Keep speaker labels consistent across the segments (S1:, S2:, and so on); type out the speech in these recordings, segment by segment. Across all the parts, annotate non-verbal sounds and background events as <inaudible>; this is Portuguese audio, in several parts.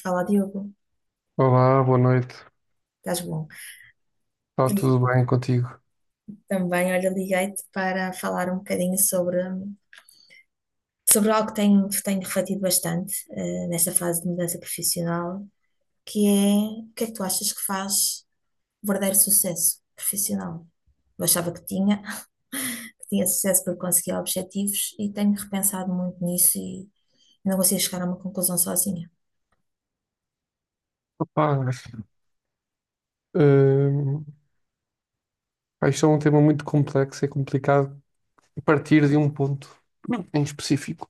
S1: Fala, Diogo.
S2: Olá, boa noite.
S1: Estás bom?
S2: Está
S1: E
S2: tudo bem contigo?
S1: também, olha, liguei-te para falar um bocadinho sobre algo que tenho refletido bastante, nesta fase de mudança profissional, que é o que é que tu achas que faz verdadeiro sucesso profissional? Eu achava que tinha sucesso porque conseguia objetivos e tenho repensado muito nisso e não consigo chegar a uma conclusão sozinha.
S2: Rapaz, hum, pá, isto é um tema muito complexo, é complicado partir de um ponto em específico.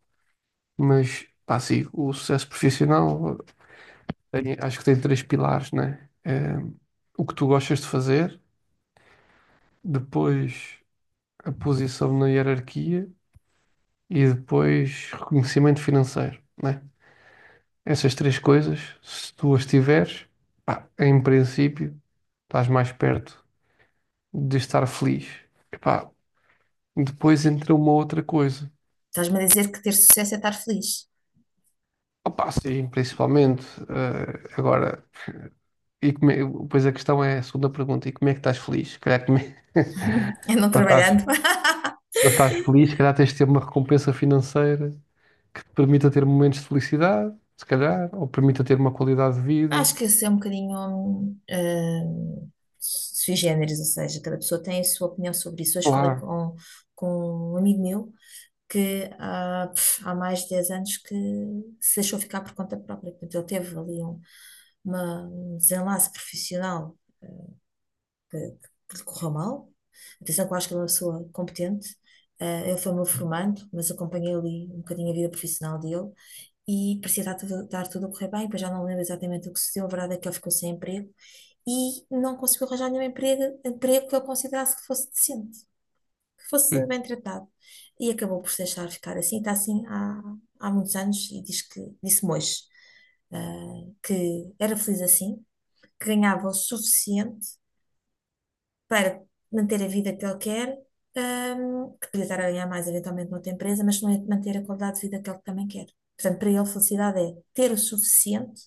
S2: Mas, pá, sim, o sucesso profissional acho que tem três pilares, né? É, o que tu gostas de fazer, depois a posição na hierarquia e depois reconhecimento financeiro, né? Essas três coisas, se tu as tiveres, pá, em princípio, estás mais perto de estar feliz. Epá, depois entra uma outra coisa.
S1: Estás-me a dizer que ter sucesso é estar feliz?
S2: Opa, sim, principalmente. Agora, e como é- a questão é a segunda pergunta: e como é que estás feliz? Se calhar,
S1: É
S2: <laughs>
S1: não
S2: para estás,
S1: trabalhando. <laughs>
S2: para estás feliz, se calhar tens de ter uma recompensa financeira que te permita ter momentos de felicidade, se calhar, ou permita ter uma qualidade de vida.
S1: Acho que esse é um bocadinho sui generis, ou seja, cada pessoa tem a sua opinião sobre isso. Hoje falei
S2: Claro,
S1: com um amigo meu que há mais de 10 anos que se deixou ficar por conta própria. Portanto, ele teve ali um desenlace profissional que, que lhe correu mal. Atenção que eu acho que ele é uma pessoa competente. Eh, ele foi meu formando, mas acompanhei ali um bocadinho a vida profissional dele e parecia estar tudo a correr bem, pois já não lembro exatamente o que sucedeu. A verdade é que ele ficou sem emprego e não conseguiu arranjar nenhum emprego que ele considerasse que fosse decente, que fosse
S2: sim,
S1: bem tratado. E acabou por se deixar ficar assim, está assim há muitos anos e diz que, disse-me hoje, que era feliz assim, que ganhava o suficiente para manter a vida que ele quer, que podia estar a ganhar mais eventualmente noutra empresa, mas não é de manter a qualidade de vida que ele também quer. Portanto, para ele, felicidade é ter o suficiente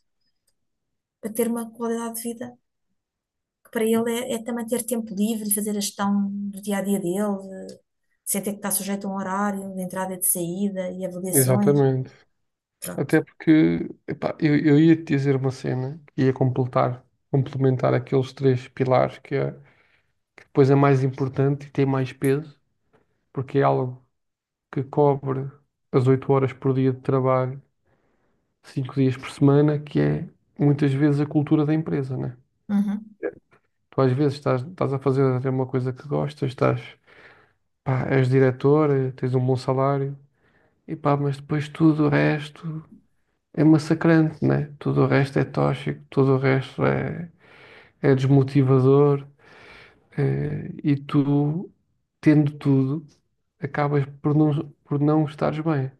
S1: para ter uma qualidade de vida que para ele é também ter tempo livre e fazer a gestão do dia a dia dele, eh, sem ter que estar sujeito a um horário de entrada e de saída e avaliações.
S2: exatamente.
S1: Pronto.
S2: Até porque, epá, eu ia te dizer uma cena que ia completar, complementar aqueles três pilares que é. Pois é mais importante e tem mais peso, porque é algo que cobre as 8 horas por dia de trabalho, 5 dias por semana, que é muitas vezes a cultura da empresa, né?
S1: Uhum.
S2: Tu às vezes estás a fazer até uma coisa que gostas, estás, pá, és diretor, tens um bom salário, e pá, mas depois tudo o resto é massacrante, né? Tudo o resto é tóxico, tudo o resto é, é desmotivador, e tu, tendo tudo, acabas por não estares bem.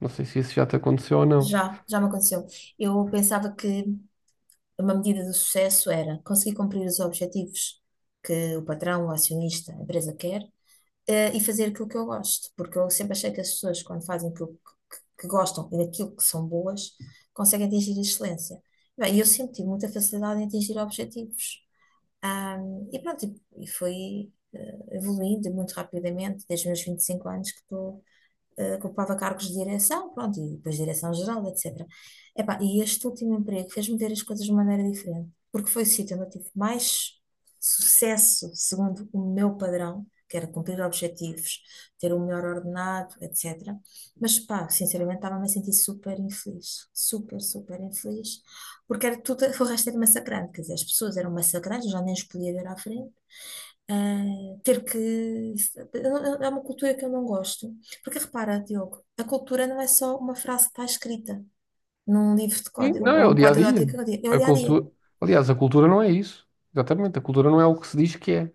S2: Não sei se isso já te aconteceu ou não.
S1: Já me aconteceu. Eu pensava que uma medida do sucesso era conseguir cumprir os objetivos que o patrão, o acionista, a empresa quer, eh, e fazer aquilo que eu gosto, porque eu sempre achei que as pessoas, quando fazem aquilo que gostam e daquilo que são boas, conseguem atingir a excelência. Bem, eu sempre tive muita facilidade em atingir objetivos. E pronto, e foi, evoluindo muito rapidamente, desde os meus 25 anos que estou, que ocupava cargos de direção, pronto, e depois direção geral, etc. Epá, e este último emprego fez-me ver as coisas de uma maneira diferente, porque foi o sítio onde eu tive mais sucesso, segundo o meu padrão, que era cumprir objetivos, ter o melhor ordenado, etc. Mas, pá, sinceramente, estava-me a sentir super infeliz, super, super infeliz, porque era tudo, o resto era massacrante, quer dizer, as pessoas eram massacrantes, eu já nem os podia ver à frente, ah, ter que. É uma cultura que eu não gosto. Porque repara, Diogo, a cultura não é só uma frase que está escrita num livro de
S2: E
S1: código
S2: não, é
S1: ou
S2: o
S1: um
S2: dia a
S1: código de ética, é
S2: dia.
S1: o
S2: A
S1: dia a dia.
S2: cultura. Aliás, a cultura não é isso. Exatamente. A cultura não é o que se diz que é.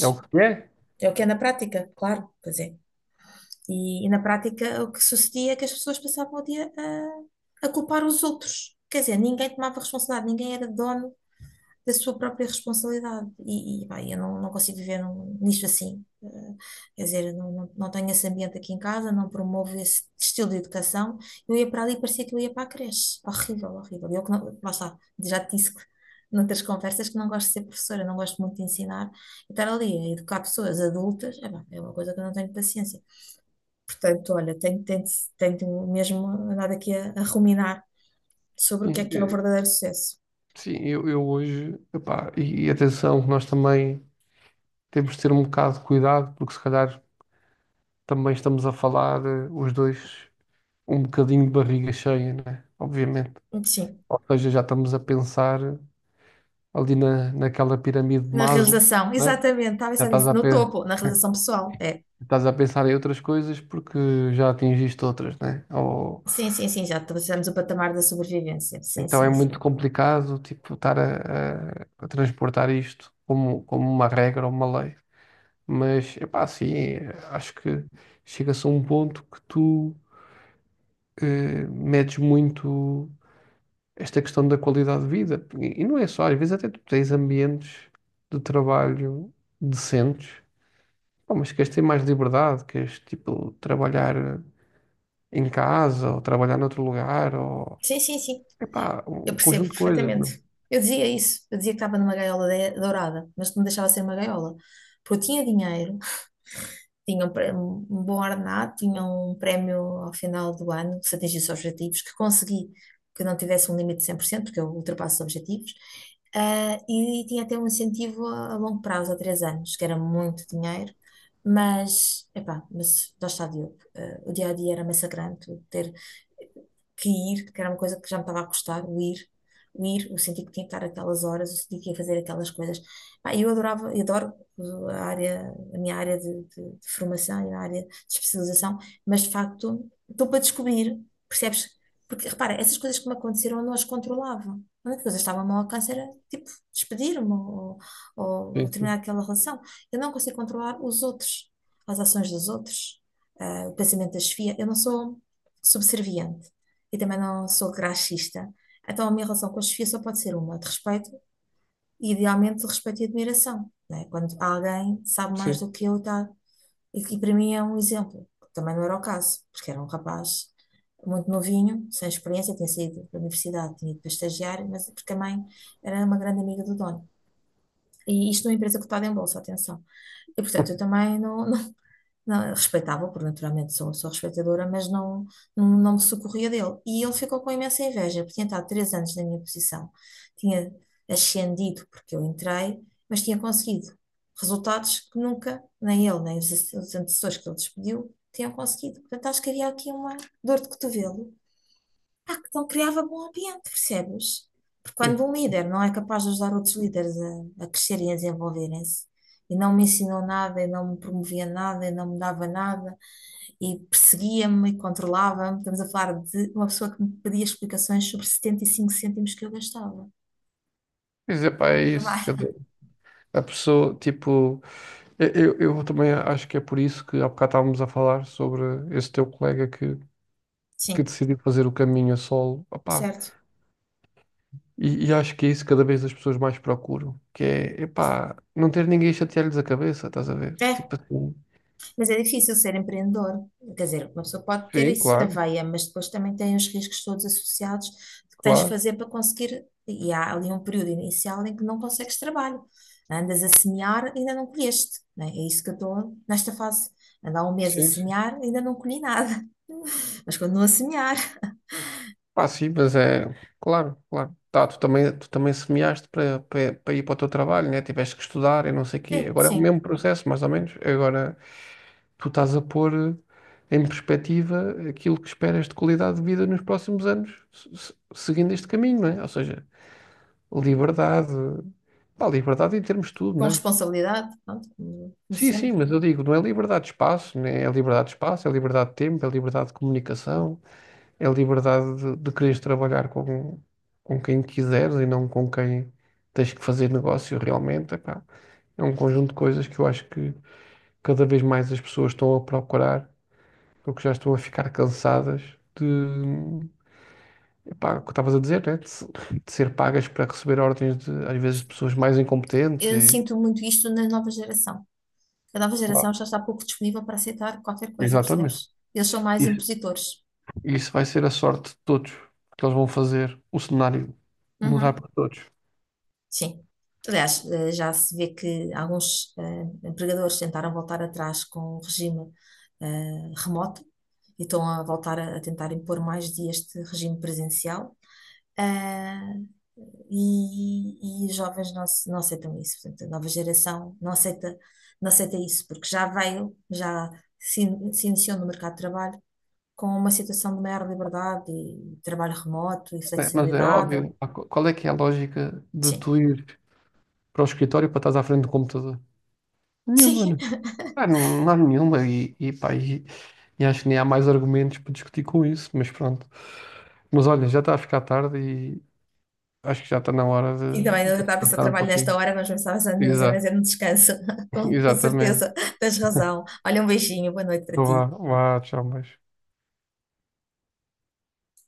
S2: É o que é.
S1: é o que é na prática, claro, pois é. E na prática o que sucedia é que as pessoas passavam o dia a culpar os outros. Quer dizer, ninguém tomava responsabilidade, ninguém era dono da sua própria responsabilidade. E, pá, eu não consigo viver nisto assim. Quer dizer, eu não tenho esse ambiente aqui em casa, não promovo esse estilo de educação. Eu ia para ali e parecia que eu ia para a creche. Horrível, horrível. Eu que não, lá está, já te disse que. <laughs> Noutras conversas que não gosto de ser professora, não gosto muito de ensinar, e estar ali a educar pessoas adultas, é, pá, é uma coisa que eu não tenho paciência. Portanto, olha, tenho mesmo andado aqui a ruminar sobre o
S2: Sim,
S1: que é o verdadeiro sucesso.
S2: sim, eu hoje. Epá, e atenção, que nós também temos de ter um bocado de cuidado, porque se calhar também estamos a falar, os dois, um bocadinho de barriga cheia, né? Obviamente.
S1: Sim.
S2: Ou seja, já estamos a pensar ali na, naquela pirâmide de
S1: Na
S2: Maslow,
S1: realização,
S2: né?
S1: exatamente, estava a
S2: Já
S1: pensar
S2: estás
S1: nisso. No topo, na realização pessoal. É.
S2: A pensar em outras coisas porque já atingiste outras, né? Ou
S1: Sim, sim, sim, já estamos o patamar da sobrevivência. Sim,
S2: então é
S1: sim, sim.
S2: muito complicado, tipo, estar a transportar isto como, como uma regra ou uma lei. Mas, epá, sim, acho que chega-se a um ponto que tu medes muito esta questão da qualidade de vida. E não é só, às vezes até tu tens ambientes de trabalho decentes, pá, mas queres ter mais liberdade, queres, tipo, trabalhar em casa ou trabalhar noutro lugar ou
S1: Sim, sim, sim.
S2: epá,
S1: Eu
S2: um
S1: percebo
S2: conjunto de coisas, não?
S1: perfeitamente. Eu dizia isso. Eu dizia que estava numa gaiola dourada, mas não deixava de ser uma gaiola. Porque eu tinha dinheiro, tinham um bom ordenado, tinham um prémio ao final do ano, se atingisse os objetivos, que consegui que não tivesse um limite de 100% porque eu ultrapasso os objetivos, ah, e tinha até um incentivo a longo prazo, a 3 anos, que era muito dinheiro, mas, epá, mas lá está, Diogo, o dia a dia era massacrante, o ter que ir, que era uma coisa que já me estava a custar, o sentir que tinha que estar aquelas horas, o sentir que ia fazer aquelas coisas. Pá, eu adorava, eu adoro a área, a minha área de formação e a área de especialização, mas de facto estou para descobrir, percebes? Porque repara, essas coisas que me aconteceram eu não as controlava. A única coisa que estava mal ao alcance era tipo despedir-me
S2: é?
S1: ou
S2: Sim,
S1: terminar
S2: sim,
S1: aquela relação. Eu não consigo controlar os outros, as ações dos outros, ah, o pensamento da chefia. Eu não sou subserviente e também não sou graxista. Então, a minha relação com a chefia só pode ser uma, de respeito, idealmente de respeito e admiração, né? Quando alguém sabe mais
S2: sim.
S1: do que eu, tá? E para mim é um exemplo, que também não era o caso, porque era um rapaz muito novinho, sem experiência, tinha saído da universidade, tinha ido para estagiar, mas porque a mãe era uma grande amiga do dono. E isto numa empresa cotada em bolsa, atenção. E portanto, eu
S2: <laughs>
S1: também não, não, eu respeitava, porque naturalmente sou uma respeitadora, mas não me socorria dele. E ele ficou com imensa inveja, porque tinha estado 3 anos na minha posição, tinha ascendido porque eu entrei, mas tinha conseguido resultados que nunca, nem ele, nem os antecessores que ele despediu, tinham conseguido. Portanto, acho que havia aqui uma dor de cotovelo. Pá, que não criava bom ambiente, percebes? Porque quando
S2: sim.
S1: um líder não é capaz de ajudar outros líderes a crescerem e a desenvolverem-se, e não me ensinou nada, e não me promovia nada, e não me dava nada, e perseguia-me e controlava-me, estamos a falar de uma pessoa que me pedia explicações sobre 75 cêntimos que eu gastava.
S2: Pois é, pá, é isso. Quer
S1: Trabalho,
S2: dizer, a pessoa, tipo, eu, eu também acho que é por isso que há bocado estávamos a falar sobre esse teu colega que
S1: sim,
S2: decidiu fazer o caminho a solo. Opá,
S1: certo.
S2: e acho que é isso que cada vez as pessoas mais procuram, que é, epá, não ter ninguém a chatear-lhes a cabeça, estás a ver?
S1: É.
S2: Tipo assim.
S1: Mas é difícil ser empreendedor. Quer dizer, uma pessoa pode ter
S2: Sim,
S1: isso na
S2: claro,
S1: veia, mas depois também tem os riscos todos associados que tens de
S2: claro.
S1: fazer para conseguir. E há ali um período inicial em que não consegues trabalho. Andas a semear, ainda não colheste, né? É isso que eu estou nesta fase. Ando há um mês a
S2: Sim, sim.
S1: semear, ainda não colhi nada, <laughs> mas continuo a semear.
S2: Pá, sim, mas é. Claro, claro. Tá, tu também semeaste para ir para o teu trabalho, né? Tiveste que estudar e não sei o quê.
S1: Sim,
S2: Agora é o mesmo
S1: sim.
S2: processo, mais ou menos. Agora tu estás a pôr em perspectiva aquilo que esperas de qualidade de vida nos próximos anos, seguindo este caminho, não é? Ou seja, liberdade. Pá, liberdade em termos de tudo,
S1: Com
S2: não é?
S1: responsabilidade, pronto, como como
S2: Sim, sim,
S1: sempre.
S2: mas eu digo, não é liberdade de espaço, né? É liberdade de espaço, é liberdade de tempo, é liberdade de comunicação. É a liberdade de quereres trabalhar com quem quiseres e não com quem tens que fazer negócio realmente. Epá, é um conjunto de coisas que eu acho que cada vez mais as pessoas estão a procurar, porque já estão a ficar cansadas de, epá, o que estavas a dizer, né? De, de ser pagas para receber ordens de, às vezes, de pessoas mais incompetentes
S1: Eu
S2: e,
S1: sinto muito isto na nova geração. A nova geração
S2: claro,
S1: já está pouco disponível para aceitar qualquer coisa,
S2: exatamente.
S1: percebes? Eles são mais
S2: Isso,
S1: impositores.
S2: isso vai ser a sorte de todos, porque eles vão fazer o cenário mudar
S1: Uhum,
S2: para todos.
S1: sim. Aliás, já se vê que alguns, empregadores tentaram voltar atrás com o regime, remoto e estão a voltar a tentar impor mais dias de regime presencial. Ah, e os jovens não aceitam isso. Portanto, a nova geração não aceita, não aceita isso, porque já se iniciou no mercado de trabalho com uma situação de maior liberdade e trabalho remoto e
S2: É, mas é
S1: flexibilidade.
S2: óbvio. Ah, qual é que é a lógica de
S1: Sim,
S2: tu ir para o escritório para estás à frente do computador?
S1: <laughs>
S2: Nenhuma,
S1: sim,
S2: né? Ah, não, não há nenhuma. E, pá, e acho que nem há mais argumentos para discutir com isso, mas pronto. Mas olha, já está a ficar tarde e acho que já está na hora
S1: e também
S2: de
S1: eu estava a pensar,
S2: descansar um
S1: trabalho nesta
S2: pouquinho.
S1: hora, mas pensava já, mas
S2: Exato,
S1: é um descanso, <laughs>
S2: <laughs>
S1: com
S2: exatamente.
S1: certeza, tens razão. Olha, um beijinho, boa noite para
S2: Então vá,
S1: ti.
S2: vá, tchau, mas.